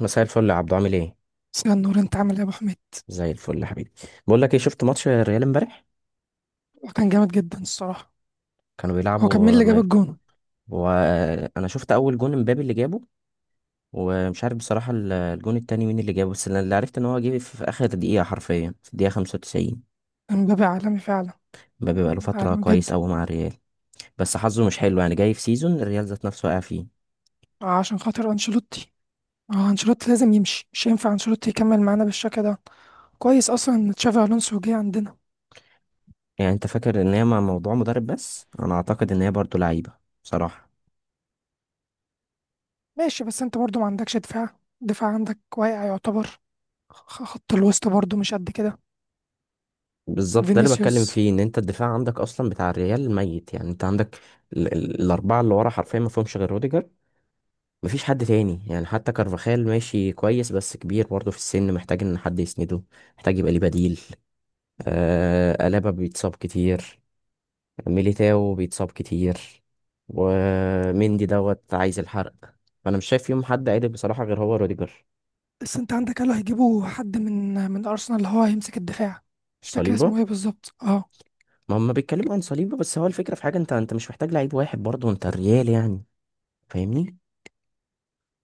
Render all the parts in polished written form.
مساء الفل يا عبدو، عامل ايه؟ مساء النور، انت عامل ايه يا ابو حميد؟ زي الفل يا حبيبي. بقول لك ايه، شفت ماتش الريال امبارح؟ هو كان جامد جدا الصراحه. كانوا هو كان مين بيلعبوا اللي جاب مايوركا. الجون؟ وانا شفت اول جون امبابي اللي جابه، ومش عارف بصراحة الجون التاني مين اللي جابه، بس أنا اللي عرفت ان هو جه في اخر دقيقة، حرفيا في الدقيقة 95. امبابي عالمي فعلا. امبابي بقاله فترة عالمي كويس جدا. قوي مع الريال، بس حظه مش حلو، يعني جاي في سيزون الريال ذات نفسه واقع فيه. آه، عشان خاطر انشيلوتي. اه انشيلوتي لازم يمشي، مش ينفع انشيلوتي يكمل معانا بالشكل ده. كويس اصلا ان تشافي الونسو جه عندنا. يعني انت فاكر ان هي مع موضوع مدرب، بس انا اعتقد ان هي برضه لعيبة بصراحة. ماشي بس انت برضو ما عندكش دفاع. الدفاع عندك واقع يعتبر. خط الوسط برضو مش قد كده. بالظبط ده اللي بتكلم فينيسيوس. فيه، ان انت الدفاع عندك اصلا بتاع الريال ميت. يعني انت عندك الاربعه اللي ورا حرفيا ما فيهمش غير روديجر. مفيش حد تاني، يعني حتى كارفاخال ماشي كويس بس كبير برضه في السن، محتاج ان حد يسنده، محتاج يبقى ليه بديل. آه الابا بيتصاب كتير، ميليتاو بيتصاب كتير، ومندي دوت عايز الحرق. فانا مش شايف فيهم حد عادل بصراحه غير هو روديجر. بس انت عندك قالوا هيجيبوا حد من ارسنال اللي هو هيمسك الدفاع. مش فاكر صليبه. اسمه ايه بالظبط، اه. ما هم بيتكلموا عن صليبه، بس هو الفكره في حاجه، انت مش محتاج لعيب واحد برضه، انت الريال يعني. فاهمني؟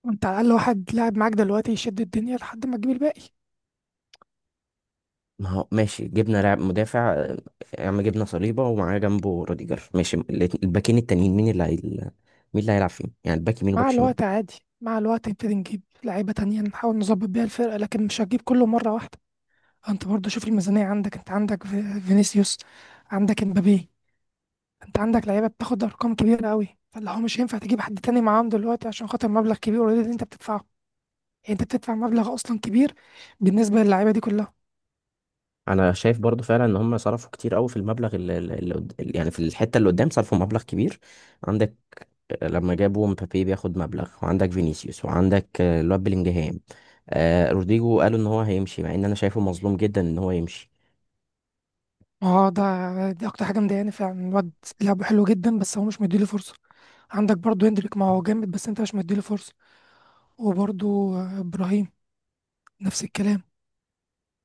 انت على الاقل واحد لاعب معاك دلوقتي يشد الدنيا لحد ما تجيب الباقي. ما هو ماشي، جبنا لاعب مدافع، يا عم جبنا صليبة ومعاه جنبه روديجر، ماشي، الباكين التانيين مين اللي هي... مين اللي هيلعب فيهم، يعني الباك يمين وباك مع شمال؟ الوقت عادي. مع الوقت نبتدي نجيب لعيبة تانية نحاول نظبط بيها الفرقة، لكن مش هتجيب كله مرة واحدة. انت برضو شوف الميزانية عندك. انت عندك فينيسيوس، عندك امبابي. انت عندك لعيبة بتاخد ارقام كبيرة قوي، فاللي هو مش هينفع تجيب حد تاني معاهم دلوقتي عشان خاطر مبلغ كبير اوريدي اللي انت بتدفعه. يعني انت بتدفع مبلغ اصلا كبير بالنسبة للعيبة دي كلها. انا شايف برضو فعلا ان هم صرفوا كتير قوي في المبلغ اللي يعني في الحتة اللي قدام صرفوا مبلغ كبير. عندك، لما جابوا مبابي بياخد مبلغ، وعندك فينيسيوس، وعندك الواد بلينجهام. روديجو قالوا ان هو هيمشي، مع ان انا شايفه مظلوم جدا ان هو يمشي. اه ده دي اكتر حاجة مضايقاني فعلا. الواد لعبه حلو جدا بس هو مش مديله فرصة. عندك برضو هندريك، ما هو جامد بس انت مش مديله فرصة. وبرضو ابراهيم، نفس الكلام.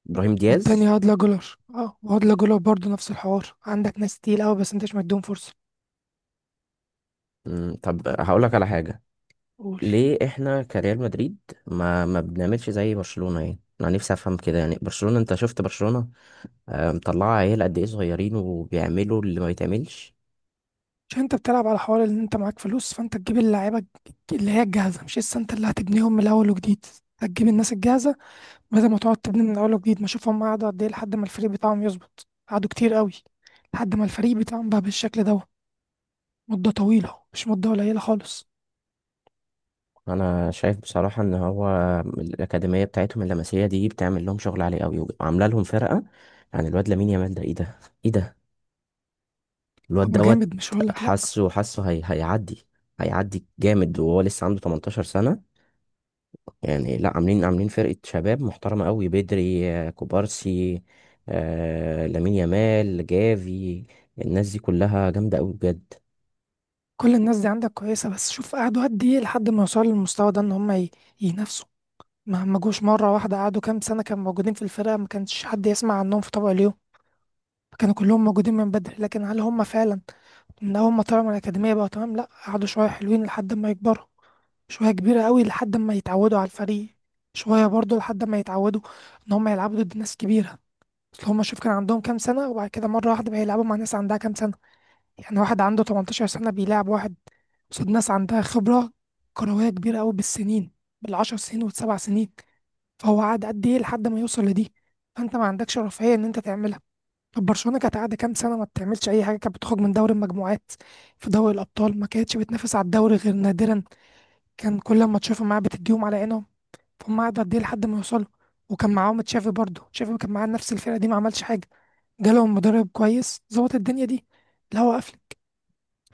ابراهيم دياز. والتانية هادلة جولر، اه وهادلة جولر برضه نفس الحوار. عندك ناس تقيل قوي بس انت مش مديهم فرصة. طب هقول لك على حاجة. قول. ليه احنا كريال مدريد ما بنعملش زي برشلونة؟ يعني انا نفسي افهم كده، يعني برشلونة، انت شفت برشلونة، مطلعة عيال قد ايه صغيرين وبيعملوا اللي ما بيتعملش. عشان انت بتلعب على حوار ان انت معاك فلوس، فانت تجيب اللعيبة اللي هي الجاهزة، مش لسه انت اللي هتبنيهم من الاول وجديد. هتجيب الناس الجاهزة بدل ما تقعد تبني من الاول وجديد. ما اشوف هم قعدوا قد ايه لحد ما الفريق بتاعهم يظبط. قعدوا كتير قوي لحد ما الفريق بتاعهم بقى بالشكل ده. مدة طويلة، مش مدة قليلة خالص. انا شايف بصراحة ان هو الاكاديمية بتاعتهم اللمسية دي بتعمل لهم شغل عالي قوي وعاملة لهم فرقة. يعني الواد لامين يامال ده، ايه ده؟ ايه ده؟ الواد هو دوت. جامد، مش هقولك لأ. حاسه حاسه هي... هيعدي، هيعدي جامد، وهو لسه عنده 18 سنة. يعني لا، عاملين عاملين فرقة شباب محترمة قوي بدري، كوبارسي، آه لامين يامال، جافي، الناس دي كلها جامدة قوي بجد. كل الناس دي عندك كويسة، بس شوف قعدوا قد ايه لحد ما يوصلوا للمستوى ده، ان هم ينافسوا. ما جوش مرة واحدة. قعدوا كام سنة كانوا موجودين في الفرقة، ما كانش حد يسمع عنهم في طبق اليوم. كانوا كلهم موجودين من بدري، لكن هل هم فعلا من أول ما طلعوا من الأكاديمية بقوا تمام؟ لأ، قعدوا شوية حلوين لحد ما يكبروا. شوية كبيرة قوي لحد ما يتعودوا على الفريق. شوية برضو لحد ما يتعودوا إن هم يلعبوا ضد ناس كبيرة. أصل هم شوف كان عندهم كام سنة، وبعد كده مرة واحدة بقى يلعبوا مع ناس عندها كام سنة. يعني واحد عنده 18 سنة بيلعب واحد قصاد ناس عندها خبرة كروية كبيرة قوي بالسنين، بالعشر سنين والسبع سنين. فهو قعد قد ايه لحد ما يوصل لدي. فانت ما عندكش رفاهيه ان انت تعملها. طب برشلونه كانت قاعده كام سنه ما بتعملش اي حاجه، كانت بتخرج من دوري المجموعات في دوري الابطال. ما كانتش بتنافس على الدوري غير نادرا. كان كل ما تشوفهم معاه بتديهم على عينهم. فهم قعدوا قد ايه لحد ما يوصلوا. وكان معاهم تشافي برضه، تشافي كان معاه نفس الفرقه دي ما عملش حاجه. جالهم مدرب كويس ظبط الدنيا دي. الهوا قفل.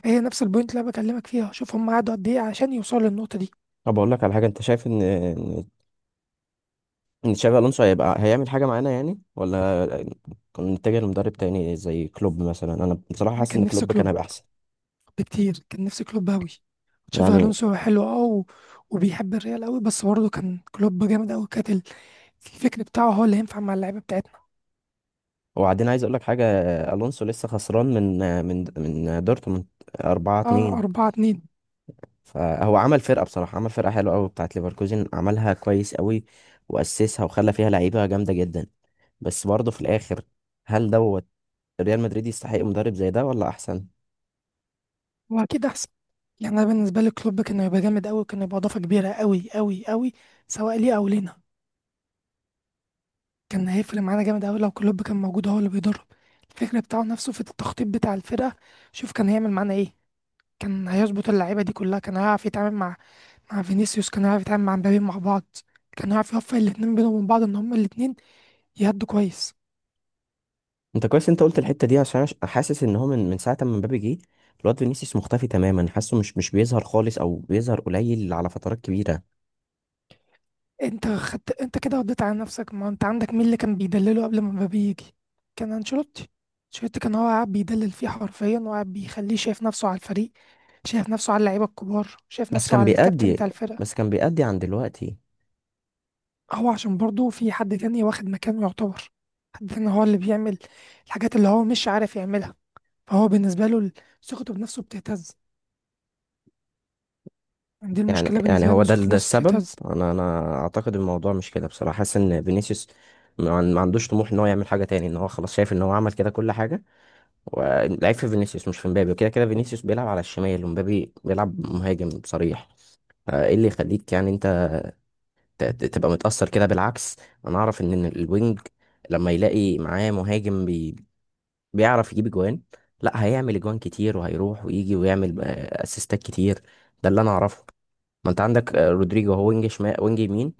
هي نفس البوينت اللي انا بكلمك فيها. شوف هم قعدوا قد ايه عشان يوصلوا للنقطه دي. طب اقول لك على حاجه، انت شايف ان إن تشابي الونسو هيبقى هيعمل حاجه معانا يعني، ولا كنا نتجه لمدرب تاني زي كلوب مثلا؟ انا بصراحه انا حاسس كان ان نفسي كلوب كان كلوب هيبقى احسن بكتير، كان نفسي كلوب أوي. تشافي يعني. ألونسو حلو، وبيحب الريال أوي، بس برضه كان كلوب جامد أوي. كانت الفكر بتاعه هو اللي ينفع مع اللعيبة بتاعتنا. وبعدين عايز اقول لك حاجه، الونسو لسه خسران من من دورتموند 4 أه، 2 أربعة اتنين. فهو عمل فرقه بصراحه، عمل فرقه حلوه قوي بتاعت ليفركوزن، عملها كويس قوي، واسسها وخلى فيها لعيبه جامده جدا. بس برضه في الاخر، هل دوت ريال مدريد يستحق مدرب زي ده ولا احسن؟ هو أكيد أحسن. يعني أنا بالنسبة لي كلوب كان هيبقى جامد أوي، كان هيبقى إضافة كبيرة أوي أوي أوي، سواء ليه أو لينا. كان هيفرق معانا جامد أوي لو كلوب كان موجود هو اللي بيدرب. الفكر بتاعه نفسه في التخطيط بتاع الفرقة. شوف كان هيعمل معانا إيه. كان هيظبط اللعيبه دي كلها. كان هيعرف يتعامل مع مع فينيسيوس، كان هيعرف يتعامل مع مبابي مع بعض. كان هيعرف يوفق الاتنين بينهم وبين بعض ان هما الاتنين يهدوا كويس. انت كويس انت قلت الحته دي، عشان أنا حاسس ان هو من ساعه ما مبابي جه، الواد فينيسيوس مختفي تماما، حاسه مش بيظهر خالص، او بيظهر قليل على فترات كبيره. انت خدت انت كده رديت على نفسك. ما انت عندك مين اللي كان بيدلله قبل ما مبابي يجي؟ كان انشيلوتي. انشيلوتي كان هو قاعد بيدلل فيه حرفيا، وقاعد بيخليه شايف نفسه على الفريق، شايف نفسه على اللعيبه الكبار، شايف بس نفسه كان على الكابتن بيأدي، بتاع الفرقه. بس كان بيأدي عن دلوقتي. هو عشان برضه في حد تاني واخد مكانه يعتبر، حد تاني هو اللي بيعمل الحاجات اللي هو مش عارف يعملها. فهو بالنسبة له ثقته بنفسه بتهتز. يعني دي يعني المشكلة يعني بالنسبة له، هو إن ده ثقته ده بنفسه السبب. بتهتز. انا اعتقد الموضوع مش كده، بصراحه حاسس ان فينيسيوس ما عندوش طموح ان هو يعمل حاجه تاني، ان هو خلاص شايف ان هو عمل كده كل حاجه. والعيب في فينيسيوس مش في مبابي، وكده كده فينيسيوس بيلعب على الشمال ومبابي بيلعب مهاجم صريح. فايه اللي يخليك يعني انت تبقى متاثر كده؟ بالعكس، انا اعرف ان إن الوينج لما يلاقي معاه مهاجم بي بيعرف يجيب اجوان، لا هيعمل اجوان كتير وهيروح ويجي ويعمل اسيستات كتير. ده اللي انا اعرفه. ما انت عندك رودريجو هو وينج شمال وينج يمين،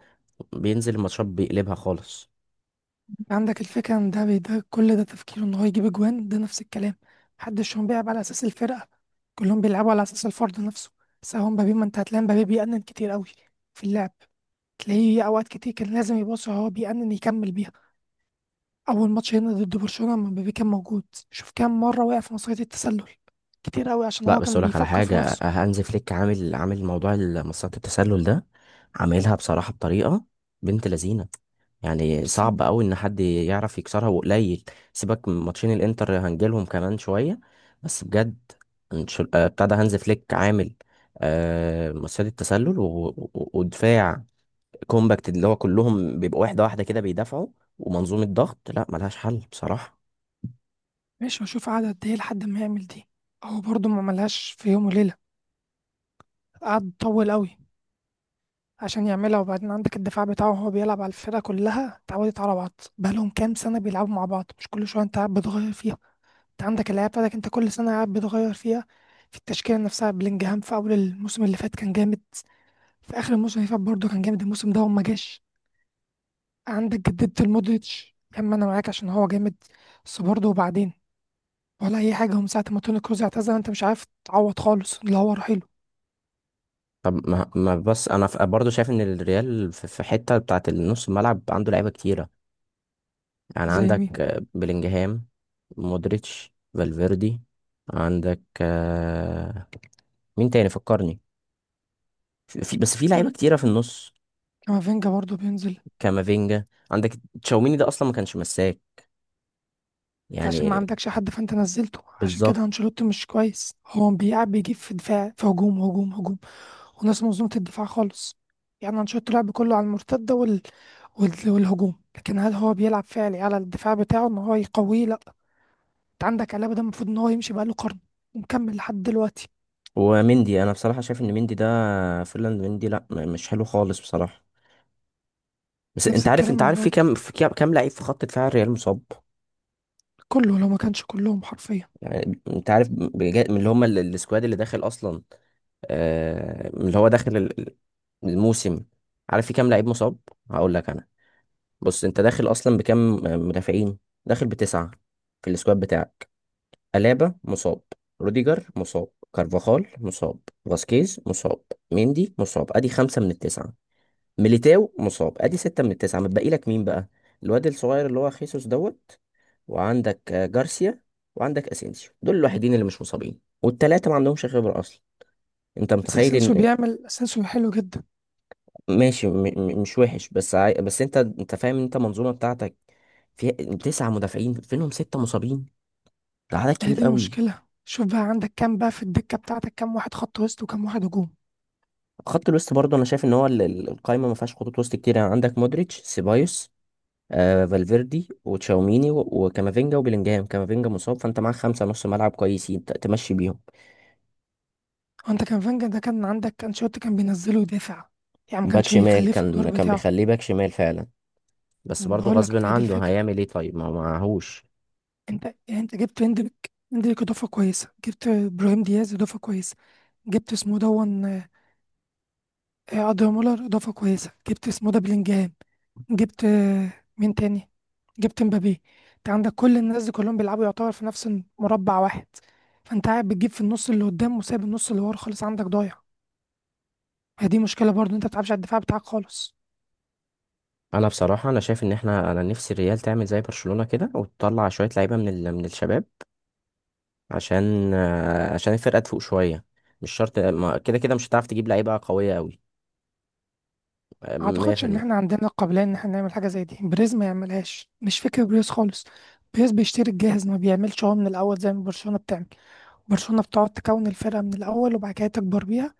بينزل الماتشات بيقلبها خالص. يعني عندك الفكرة إن ده كل ده تفكيره إن هو يجيب أجوان، ده نفس الكلام. محدش هم بيلعب على أساس الفرقة، كلهم بيلعبوا على أساس الفرد نفسه. بس هو مبابي ما أنت هتلاقي مبابي بيأنن كتير قوي في اللعب. تلاقيه أوقات كتير كان لازم يبص، هو بيأنن يكمل بيها. أول ماتش هنا ضد برشلونة لما مبابي كان موجود، شوف كام مرة وقع في مصيدة التسلل، كتير قوي، عشان لا هو بس كان اقول لك على بيفكر في حاجه، نفسه. هانز فليك عامل، عامل موضوع مصيدة التسلل ده عاملها بصراحه بطريقه بنت لذينه، يعني بس صعب قوي ان حد يعرف يكسرها وقليل. سيبك من ماتشين الانتر، هنجيلهم كمان شويه، بس بجد بتاع ده، هانز فليك عامل مصيدة التسلل ودفاع كومباكت، اللي هو كلهم بيبقوا واحدة واحدة كده بيدافعوا، ومنظومة ضغط، لا ملهاش حل بصراحة. ماشي هشوف قعد قد ايه لحد ما يعمل دي. هو برضه ما عملهاش في يوم وليلة، قعد طول قوي عشان يعملها. وبعدين عندك الدفاع بتاعه، هو بيلعب على الفرقة كلها اتعودت على بعض. بقالهم كام سنة بيلعبوا مع بعض، مش كل شوية انت قاعد بتغير فيها. انت عندك اللعيبة بتاعتك انت كل سنة قاعد بتغير فيها، في التشكيلة نفسها. بلينجهام في أول الموسم اللي فات كان جامد، في آخر الموسم اللي فات برضه كان جامد، الموسم ده هو ما جاش. عندك جددت المودريتش، كم أنا معاك عشان هو جامد، بس برضه وبعدين ولا أي حاجة هم ساعة ما توني كروز اعتزل، انت مش عارف تعوض خالص اللي هو رحيله. طب ما بس انا برضو شايف ان الريال في حتة بتاعت النص الملعب عنده لعيبة كتيرة. يعني زي عندك مين؟ بلينجهام، مودريتش، فالفيردي، عندك مين تاني فكرني، بس في لعيبة كار- كتيرة في النص. كامافينجا برضو بينزل. كامافينجا عندك، تشاوميني ده اصلا ما كانش مساك انت عشان ما يعني. عندكش حد فانت نزلته. عشان بالظبط. كده انشيلوتي مش كويس، هو بيلعب بيجيب في دفاع، في هجوم، هجوم، هجوم، وناس منظومة الدفاع خالص. يعني انشيلوتي لعب كله على المرتدة والهجوم، لكن هل هو بيلعب فعلي على الدفاع بتاعه ان هو يقويه؟ لا. انت عندك علابة ده المفروض ان هو يمشي بقاله قرن، ومكمل لحد دلوقتي. ومندي، انا بصراحة شايف ان مندي ده، فيرلاند مندي لا مش حلو خالص بصراحة. بس انت نفس عارف، انت الكلام عارف في كام، برضه، في كام لعيب في خط دفاع الريال مصاب؟ كله لو ما كانش كلهم حرفيا. يعني انت عارف من اللي هم السكواد اللي داخل اصلا، آه من اللي هو داخل الموسم؟ عارف في كام لعيب مصاب؟ هقول لك انا. بص، انت داخل اصلا بكام مدافعين؟ داخل بتسعة في السكواد بتاعك. ألابا مصاب، روديجر مصاب، كارفاخال مصاب، فاسكيز مصاب، ميندي مصاب، ادي خمسة من التسعة. ميليتاو مصاب، ادي ستة من التسعة، متبقي لك مين بقى؟ الواد الصغير اللي هو خيسوس دوت، وعندك جارسيا، وعندك اسينسيو. دول الوحيدين اللي مش مصابين، والتلاتة ما عندهمش خبرة اصلا. انت بس متخيل اسينسيو ان... بيعمل، اسينسيو حلو جدا. ماشي مش وحش بس بس انت، انت فاهم ان انت المنظومة بتاعتك فيها تسعة مدافعين فينهم ستة مصابين؟ ده عدد هي كبير دي قوي. المشكلة. شوف بقى عندك كام بقى في الدكة بتاعتك، كام واحد خط وسط وكام واحد هجوم. خط الوسط برضه انا شايف ان هو القايمة ما فيهاش خطوط وسط كتير، يعني عندك مودريتش، سيبايوس، آه فالفيردي، وتشاوميني، وكامافينجا، وبيلينجهام. كامافينجا مصاب، فانت معاك خمسة نص ملعب كويسين تمشي بيهم. هو انت كان فانجا ده كان عندك كان شوت كان بينزله يدافع، يعني ما باك كانش شمال، بيخليه في الدور كان كان بتاعه. بيخليه باك شمال فعلا، بس برضه بقول غصب لك هي دي عنه الفكرة. هيعمل ايه، طيب ما هو معهوش. انت يعني انت جبت اندريك، اندريك اضافة كويسة. جبت ابراهيم دياز اضافة كويسة. جبت اسمه دون ادريان مولر اضافة كويسة. جبت اسمه ده بلينجهام. جبت مين تاني. جبت مبابي. انت عندك كل الناس دي كلهم بيلعبوا يعتبر في نفس مربع واحد. فانت قاعد بتجيب في النص اللي قدام، وسايب النص اللي ورا خالص، عندك ضايع. هي دي مشكله برضو، انت ما بتلعبش على الدفاع بتاعك خالص. انا بصراحة انا شايف ان احنا، انا نفسي الريال تعمل زي برشلونة كده وتطلع شوية لعيبة من ال... من الشباب، عشان عشان الفرقة تفوق شوية. مش شرط، كده كده مش هتعرف تجيب لعيبة قوية قوي ما اعتقدش ان 100%. احنا عندنا القابليه ان احنا نعمل حاجه زي دي. بريز ما يعملهاش، مش فكره بريز خالص. بريز بيشتري الجاهز، ما بيعملش هو من الاول زي ما برشلونه بتعمل. برشلونة بتقعد تكون الفرقة من الأول وبعد كده تكبر بيها.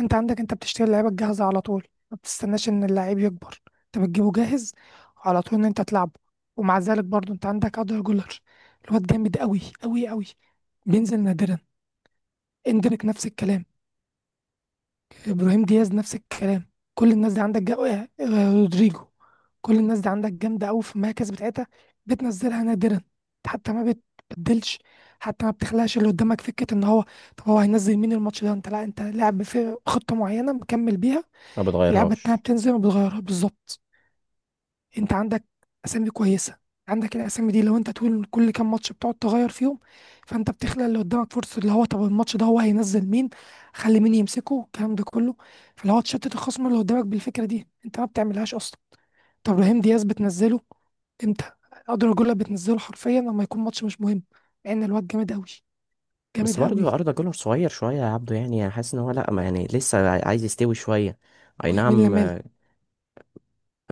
أنت عندك أنت بتشتري اللعيبة الجاهزة على طول، ما بتستناش إن اللعيب يكبر، أنت بتجيبه جاهز على طول إن أنت تلعبه. ومع ذلك برضو أنت عندك أدر جولر، الواد جامد أوي أوي أوي، بينزل نادرا. اندريك نفس الكلام. ابراهيم دياز نفس الكلام. كل الناس دي عندك جا... آه، آه، رودريجو، كل الناس دي عندك جامده قوي في المراكز بتاعتها، بتنزلها نادرا. حتى ما بتبدلش، حتى ما بتخلقش اللي قدامك فكره ان هو طب هو هينزل مين الماتش ده. انت لا، انت لاعب في خطه معينه مكمل بيها، ما اللعبه التانيه بتغيرهاش. بتنزل ما بتغيرها. بالظبط. انت عندك اسامي كويسه، عندك الاسامي دي لو انت طول كل كام ماتش بتقعد تغير فيهم، فانت بتخلق اللي قدامك فرصه اللي هو طب الماتش ده هو هينزل مين، خلي مين يمسكه، الكلام ده كله. فاللي هو تشتت الخصم اللي قدامك بالفكره دي انت ما بتعملهاش اصلا. طب ابراهيم دياز بتنزله امتى؟ اقدر اقول لك بتنزله حرفيا لما يكون ماتش مش مهم، مع ان الواد جامد قوي، بس جامد برضه قوي. أردا جولر صغير شوية يا عبده، يعني أنا حاسس إن هو لأ، ما يعني لسه عايز يستوي شوية. أي ويمين نعم لمال.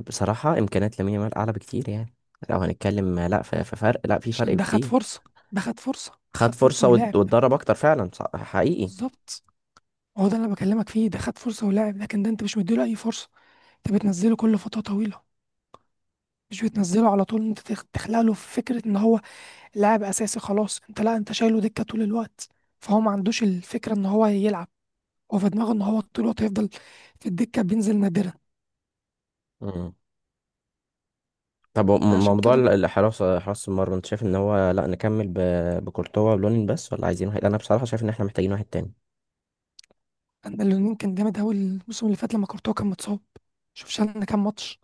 بصراحة إمكانيات لامين يامال أعلى بكتير يعني، لو هنتكلم لأ في فرق، لأ في فرق عشان ده خد بكتير. فرصه، ده خد فرصه. خد خد فرصه فرصة ولعب. واتدرب أكتر فعلا، حقيقي. بالظبط، هو ده اللي انا بكلمك فيه. ده خد فرصه ولعب، لكن ده انت مش مديله اي فرصه. انت بتنزله كل فترة طويلة، مش بتنزله على طول انت تخلق له فكرة ان هو لاعب اساسي خلاص. انت لا، انت شايله دكة طول الوقت. فهو ما عندوش الفكرة ان هو يلعب، هو في دماغه ان هو طول الوقت هيفضل في الدكة، بينزل نادرا. مم. طب عشان موضوع كده. الحراسة، حراسة، حراسة المرمى، أنت شايف إن هو لأ نكمل بكورتوا ولونين بس، ولا عايزين واحد؟ أنا بصراحة شايف إن إحنا محتاجين واحد تاني. انا اللي كان جامد اوي الموسم اللي فات لما كورتوا كان متصاب، شوف شالنا كام ماتش،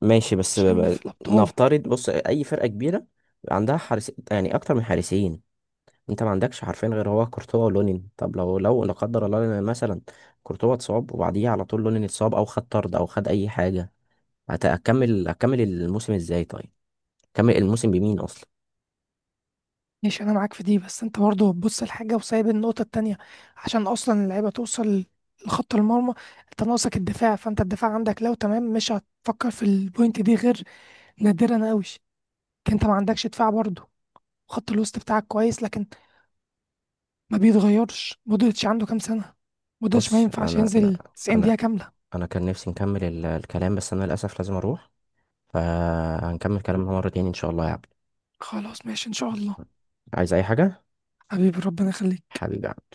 ماشي بس شالنا في الابطال. نفترض، بص أي فرقة كبيرة عندها حارس، يعني أكتر من حارسين، انت ما عندكش حرفين غير هو كورتوا ولونين. طب لو لو لا قدر الله لنا مثلا كورتوا اتصاب، وبعديه على طول لونين اتصاب، او خد طرد او خد اي حاجه، هتكمل، هتكمل الموسم ازاي طيب؟ هتكمل الموسم بمين اصلا؟ ماشي انا معاك في دي، بس انت برضه بتبص الحاجه وسايب النقطه التانية. عشان اصلا اللعيبه توصل لخط المرمى انت ناقصك الدفاع، فانت الدفاع عندك لو تمام مش هتفكر في البوينت دي غير نادرا قوي. انت ما عندكش دفاع برضه. خط الوسط بتاعك كويس، لكن ما بيتغيرش. مودريتش عنده كام سنه؟ مودريتش ما بص، ينفعش انا انا ينزل 90 انا دقيقه كامله. انا كان نفسي نكمل الكلام، بس انا للاسف لازم اروح، فهنكمل كلامنا مره تاني ان شاء الله يا عبد. خلاص ماشي ان شاء الله. عايز اي حاجه؟ حبيبي ربنا يخليك. حبيبي يا عبد.